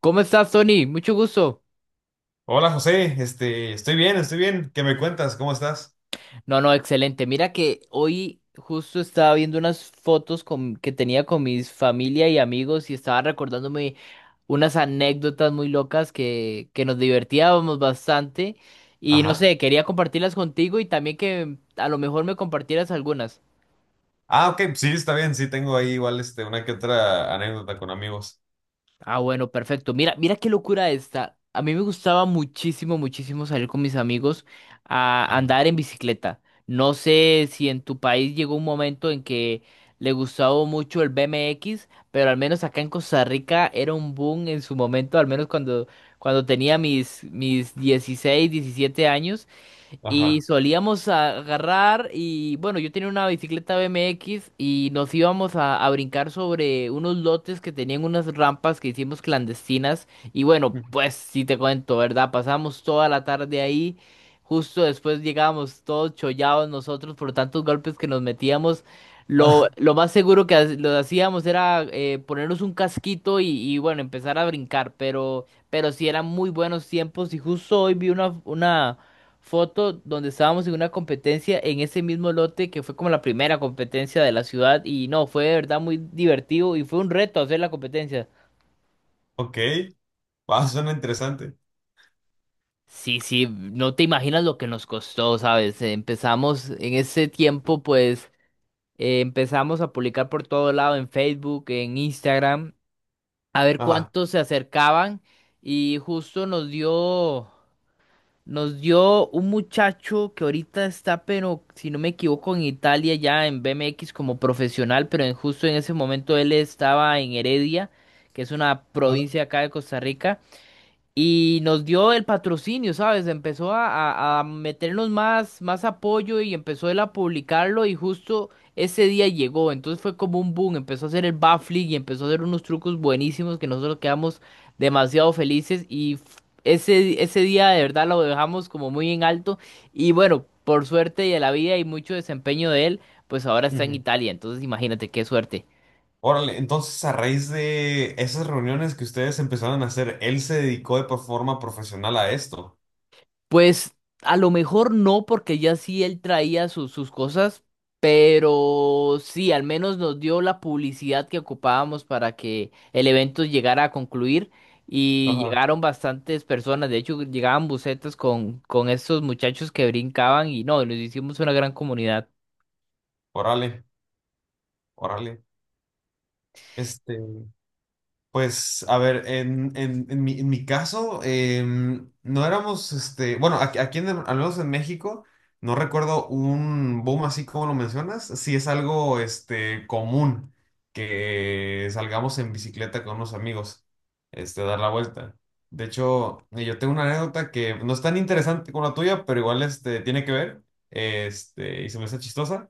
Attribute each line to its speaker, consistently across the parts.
Speaker 1: ¿Cómo estás, Tony? Mucho gusto.
Speaker 2: Hola José, estoy estoy bien. ¿Qué me cuentas? ¿Cómo estás?
Speaker 1: No, no, excelente. Mira que hoy justo estaba viendo unas fotos que tenía con mis familia y amigos y estaba recordándome unas anécdotas muy locas que nos divertíamos bastante y no
Speaker 2: Ajá.
Speaker 1: sé, quería compartirlas contigo y también que a lo mejor me compartieras algunas.
Speaker 2: Ah, ok, sí, está bien, sí, tengo ahí igual una que otra anécdota con amigos.
Speaker 1: Ah, bueno, perfecto. Mira, mira qué locura esta. A mí me gustaba muchísimo, muchísimo salir con mis amigos a
Speaker 2: Ajá.
Speaker 1: andar en bicicleta. No sé si en tu país llegó un momento en que le gustaba mucho el BMX, pero al menos acá en Costa Rica era un boom en su momento, al menos cuando tenía mis 16, 17 años. Y
Speaker 2: Ajá.
Speaker 1: solíamos agarrar y bueno, yo tenía una bicicleta BMX y nos íbamos a brincar sobre unos lotes que tenían unas rampas que hicimos clandestinas y bueno, pues sí te cuento, ¿verdad? Pasamos toda la tarde ahí, justo después llegábamos todos chollados nosotros por tantos golpes que nos metíamos. Lo,
Speaker 2: Ah,
Speaker 1: lo más seguro que lo hacíamos era ponernos un casquito y bueno, empezar a brincar, pero sí eran muy buenos tiempos y justo hoy vi una foto donde estábamos en una competencia en ese mismo lote que fue como la primera competencia de la ciudad y no, fue de verdad muy divertido y fue un reto hacer la competencia.
Speaker 2: ok, ah, suena interesante.
Speaker 1: Sí, sí, no te imaginas lo que nos costó, ¿sabes? Empezamos en ese tiempo, pues empezamos a publicar por todo lado en Facebook, en Instagram, a ver
Speaker 2: Ajá.
Speaker 1: cuántos se acercaban y justo nos dio... Nos dio un muchacho que ahorita está, pero si no me equivoco, en Italia ya en BMX como profesional, pero en, justo en ese momento él estaba en Heredia, que es una
Speaker 2: Ajá.
Speaker 1: provincia acá de Costa Rica, y nos dio el patrocinio, ¿sabes? Empezó a meternos más, más apoyo y empezó él a publicarlo y justo ese día llegó. Entonces fue como un boom, empezó a hacer el backflip y empezó a hacer unos trucos buenísimos que nosotros quedamos demasiado felices ese, ese día de verdad lo dejamos como muy en alto y bueno, por suerte de la vida y mucho desempeño de él, pues ahora está en
Speaker 2: Ujú.
Speaker 1: Italia. Entonces imagínate qué suerte.
Speaker 2: Órale, entonces a raíz de esas reuniones que ustedes empezaron a hacer, él se dedicó forma profesional a esto.
Speaker 1: Pues a lo mejor no, porque ya sí él traía sus cosas, pero sí, al menos nos dio la publicidad que ocupábamos para que el evento llegara a concluir y
Speaker 2: Ajá.
Speaker 1: llegaron bastantes personas, de hecho llegaban bucetas con estos muchachos que brincaban y no, nos hicimos una gran comunidad.
Speaker 2: Órale, órale. Este. Pues, a ver, en mi caso, no éramos, bueno, al menos en México, no recuerdo un boom así como lo mencionas. Sí es algo, común que salgamos en bicicleta con unos amigos, a dar la vuelta. De hecho, yo tengo una anécdota que no es tan interesante como la tuya, pero igual, tiene que ver. Y se me hace chistosa.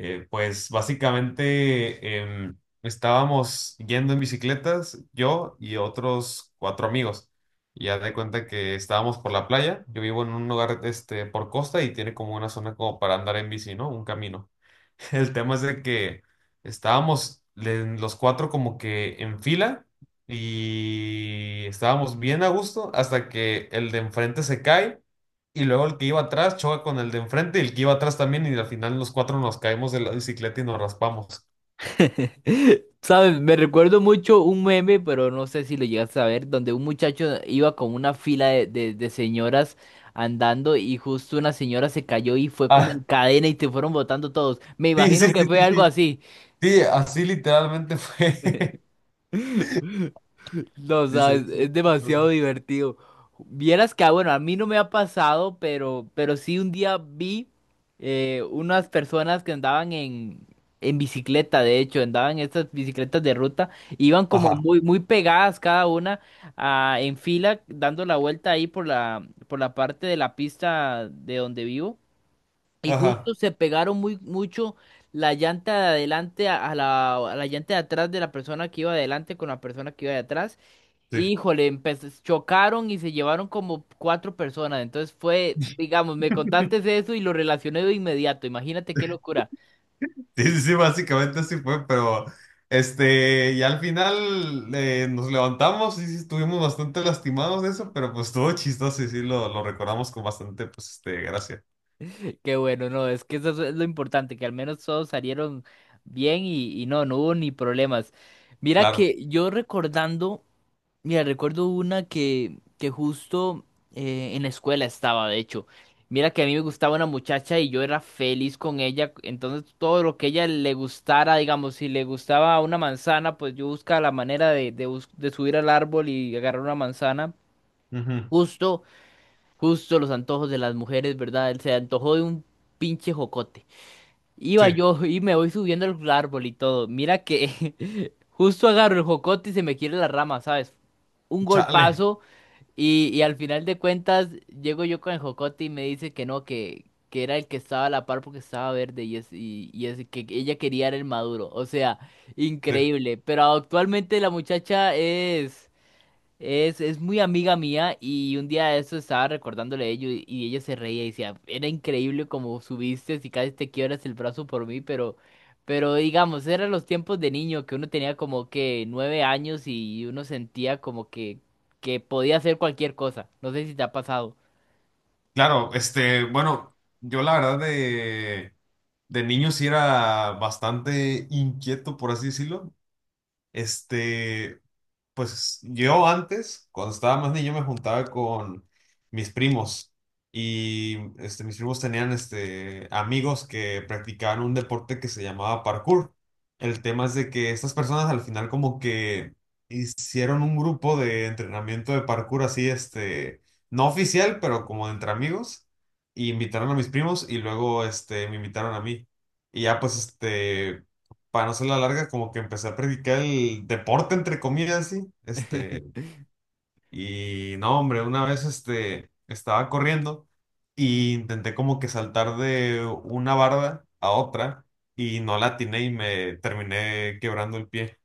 Speaker 2: Pues básicamente estábamos yendo en bicicletas, yo y otros cuatro amigos. Y haz de cuenta que estábamos por la playa. Yo vivo en un lugar por costa y tiene como una zona como para andar en bici, ¿no? Un camino. El tema es de que estábamos los cuatro como que en fila y estábamos bien a gusto hasta que el de enfrente se cae y luego el que iba atrás choca con el de enfrente y el que iba atrás también y al final los cuatro nos caemos de la bicicleta y nos raspamos.
Speaker 1: ¿Sabes? Me recuerdo mucho un meme, pero no sé si lo llegaste a ver, donde un muchacho iba con una fila de, de señoras andando y justo una señora se cayó y fue como
Speaker 2: Ah,
Speaker 1: en cadena y te fueron botando todos. Me
Speaker 2: sí,
Speaker 1: imagino
Speaker 2: sí,
Speaker 1: que
Speaker 2: sí,
Speaker 1: fue
Speaker 2: sí,
Speaker 1: algo
Speaker 2: sí.
Speaker 1: así.
Speaker 2: Sí, así literalmente fue.
Speaker 1: No sabes,
Speaker 2: Dice.
Speaker 1: es demasiado divertido. Vieras que, ah, bueno, a mí no me ha pasado, pero sí un día vi unas personas que andaban en bicicleta, de hecho, andaban en estas bicicletas de ruta, iban como
Speaker 2: Ajá,
Speaker 1: muy, muy pegadas cada una ah, en fila, dando la vuelta ahí por la parte de la pista de donde vivo. Y
Speaker 2: ajá.
Speaker 1: justo se pegaron muy mucho la llanta de adelante a la, a la llanta de atrás de la persona que iba adelante con la persona que iba de atrás.
Speaker 2: Sí.
Speaker 1: Híjole, chocaron y se llevaron como cuatro personas. Entonces fue, digamos, me contaste eso y lo relacioné de inmediato. Imagínate qué locura.
Speaker 2: Sí, sí, sí, básicamente así fue, pero y al final nos levantamos y sí, estuvimos bastante lastimados de eso, pero pues todo chistoso y sí lo recordamos con bastante, pues, gracia.
Speaker 1: Qué bueno, no, es que eso es lo importante, que al menos todos salieron bien y no, no hubo ni problemas. Mira
Speaker 2: Claro.
Speaker 1: que yo recordando. Mira, recuerdo una que justo en la escuela estaba, de hecho. Mira que a mí me gustaba una muchacha y yo era feliz con ella. Entonces todo lo que ella le gustara, digamos, si le gustaba una manzana, pues yo buscaba la manera de, de subir al árbol y agarrar una manzana.
Speaker 2: Ujú.
Speaker 1: Justo, justo los antojos de las mujeres, ¿verdad? Se antojó de un pinche jocote. Iba
Speaker 2: Sí.
Speaker 1: yo y me voy subiendo al árbol y todo. Mira que justo agarro el jocote y se me quiere la rama, ¿sabes? Un
Speaker 2: Chale.
Speaker 1: golpazo. Y al final de cuentas, llego yo con el jocote y me dice que no, que era el que estaba a la par porque estaba verde y es que ella quería era el maduro. O sea,
Speaker 2: Sí.
Speaker 1: increíble. Pero actualmente la muchacha es. Es muy amiga mía y un día de eso estaba recordándole a ello y ella se reía y decía, era increíble como subiste y casi te quiebras el brazo por mí, pero digamos, eran los tiempos de niño que uno tenía como que 9 años y uno sentía como que podía hacer cualquier cosa. No sé si te ha pasado.
Speaker 2: Claro, bueno, yo la verdad de niño sí era bastante inquieto, por así decirlo. Este, pues yo antes, cuando estaba más niño, me juntaba con mis primos y mis primos tenían amigos que practicaban un deporte que se llamaba parkour. El tema es de que estas personas al final como que hicieron un grupo de entrenamiento de parkour así, no oficial, pero como entre amigos, y invitaron a mis primos y luego me invitaron a mí. Y ya pues para no ser la larga, como que empecé a practicar el deporte, entre comillas, así, y no, hombre, una vez, estaba corriendo y intenté como que saltar de una barda a otra y no la atiné y me terminé quebrando el pie.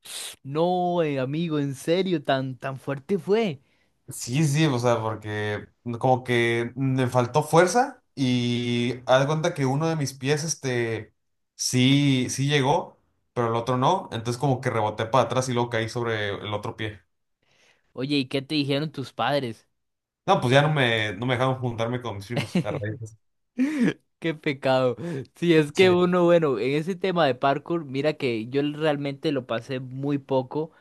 Speaker 1: No, amigo, en serio, tan, tan fuerte fue.
Speaker 2: Sí, sí, o sea, porque como que me faltó fuerza y haz de cuenta que uno de mis pies, sí, sí llegó, pero el otro no, entonces como que reboté para atrás y luego caí sobre el otro pie.
Speaker 1: Oye, ¿y qué te dijeron tus padres?
Speaker 2: No, pues ya no no me dejaron juntarme con mis primos a raíz de eso.
Speaker 1: Qué pecado. Si es que
Speaker 2: Sí.
Speaker 1: uno, bueno, en ese tema de parkour, mira que yo realmente lo pasé muy poco,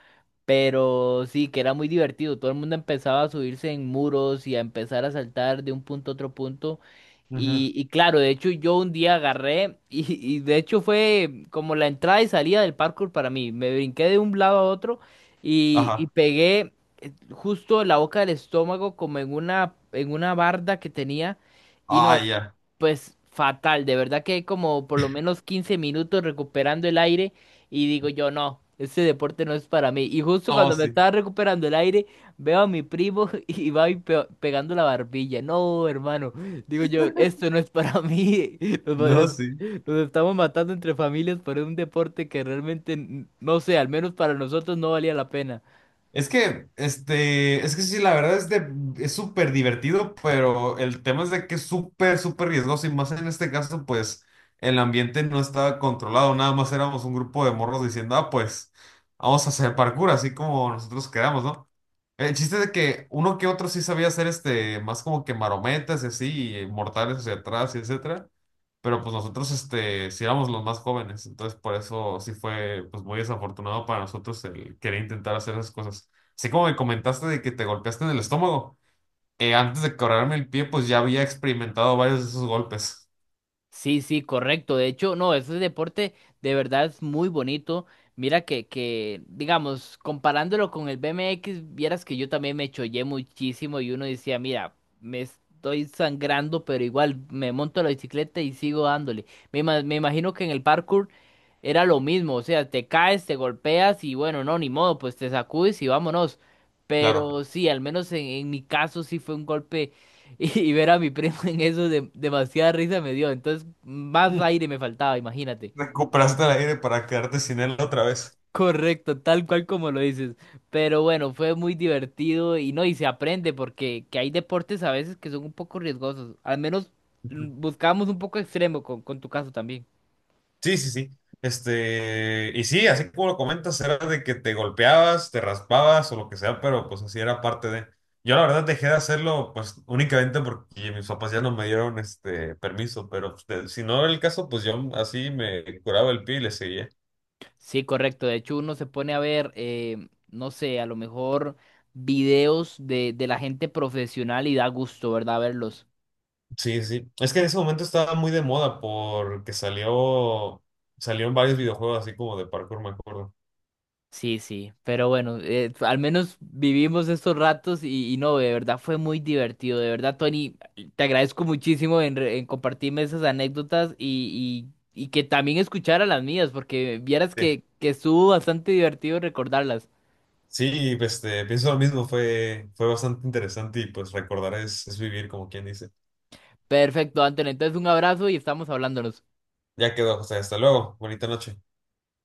Speaker 1: pero sí, que era muy divertido. Todo el mundo empezaba a subirse en muros y a empezar a saltar de un punto a otro punto.
Speaker 2: Ujú.
Speaker 1: Y claro, de hecho yo un día agarré y de hecho fue como la entrada y salida del parkour para mí. Me brinqué de un lado a otro y
Speaker 2: Ajá.
Speaker 1: pegué justo en la boca del estómago como en una barda que tenía. Y no,
Speaker 2: Ah, ya.
Speaker 1: pues fatal, de verdad que hay como por lo menos 15 minutos recuperando el aire y digo yo, no, este deporte no es para mí. Y justo
Speaker 2: No,
Speaker 1: cuando me
Speaker 2: sí.
Speaker 1: estaba recuperando el aire, veo a mi primo y va y pegando la barbilla. No, hermano, digo yo, esto no es para mí. Nos, va-
Speaker 2: No,
Speaker 1: nos-
Speaker 2: sí.
Speaker 1: nos estamos matando entre familias por un deporte que realmente, no sé, al menos para nosotros no valía la pena.
Speaker 2: Es que, es que sí, la verdad es de: es súper divertido, pero el tema es de que es súper, súper riesgoso y más en este caso, pues, el ambiente no estaba controlado, nada más éramos un grupo de morros diciendo, ah, pues, vamos a hacer parkour, así como nosotros queramos, ¿no? El chiste de que uno que otro sí sabía hacer más como que marometas y así, y mortales hacia atrás y etcétera. Pero pues nosotros sí éramos los más jóvenes, entonces por eso sí fue pues muy desafortunado para nosotros el querer intentar hacer esas cosas. Así como me comentaste de que te golpeaste en el estómago, antes de quebrarme el pie pues ya había experimentado varios de esos golpes.
Speaker 1: Sí, sí, correcto. De hecho, no, ese deporte de verdad es muy bonito. Mira que, digamos, comparándolo con el BMX, vieras que yo también me chollé muchísimo y uno decía, mira, me estoy sangrando, pero igual me monto a la bicicleta y sigo dándole. Me imagino que en el parkour era lo mismo, o sea, te caes, te golpeas y bueno, no, ni modo, pues te sacudes y vámonos.
Speaker 2: Claro.
Speaker 1: Pero sí, al menos en mi caso sí fue un golpe. Y ver a mi primo en eso de, demasiada risa me dio. Entonces, más
Speaker 2: Mm.
Speaker 1: aire me faltaba, imagínate.
Speaker 2: Recuperaste el aire para quedarte sin él otra vez.
Speaker 1: Correcto, tal cual como lo dices. Pero bueno, fue muy divertido y no, y se aprende porque que hay deportes a veces que son un poco riesgosos. Al menos buscábamos un poco extremo con tu caso también.
Speaker 2: Sí, sí, sí. Y sí, así como lo comentas, era de que te golpeabas, te raspabas o lo que sea, pero pues así era parte de. Yo la verdad dejé de hacerlo pues únicamente porque mis papás ya no me dieron este permiso, pero pues, si no era el caso, pues yo así me curaba el pie y le seguía.
Speaker 1: Sí, correcto. De hecho, uno se pone a ver, no sé, a lo mejor videos de la gente profesional y da gusto, ¿verdad? Verlos.
Speaker 2: Sí, sí. Es que en ese momento estaba muy de moda porque salió en varios videojuegos así como de parkour, me acuerdo.
Speaker 1: Sí, sí, pero bueno, al menos vivimos estos ratos y no, de verdad fue muy divertido, de verdad, Tony, te agradezco muchísimo en, en compartirme esas anécdotas y, y que también escuchara las mías, porque vieras
Speaker 2: Sí,
Speaker 1: que estuvo bastante divertido recordarlas.
Speaker 2: Sí, pues, pienso lo mismo, fue bastante interesante y pues recordar es vivir, como quien dice.
Speaker 1: Perfecto, Antonio, entonces un abrazo y estamos hablándonos.
Speaker 2: Ya quedó, José. Hasta luego. Bonita noche.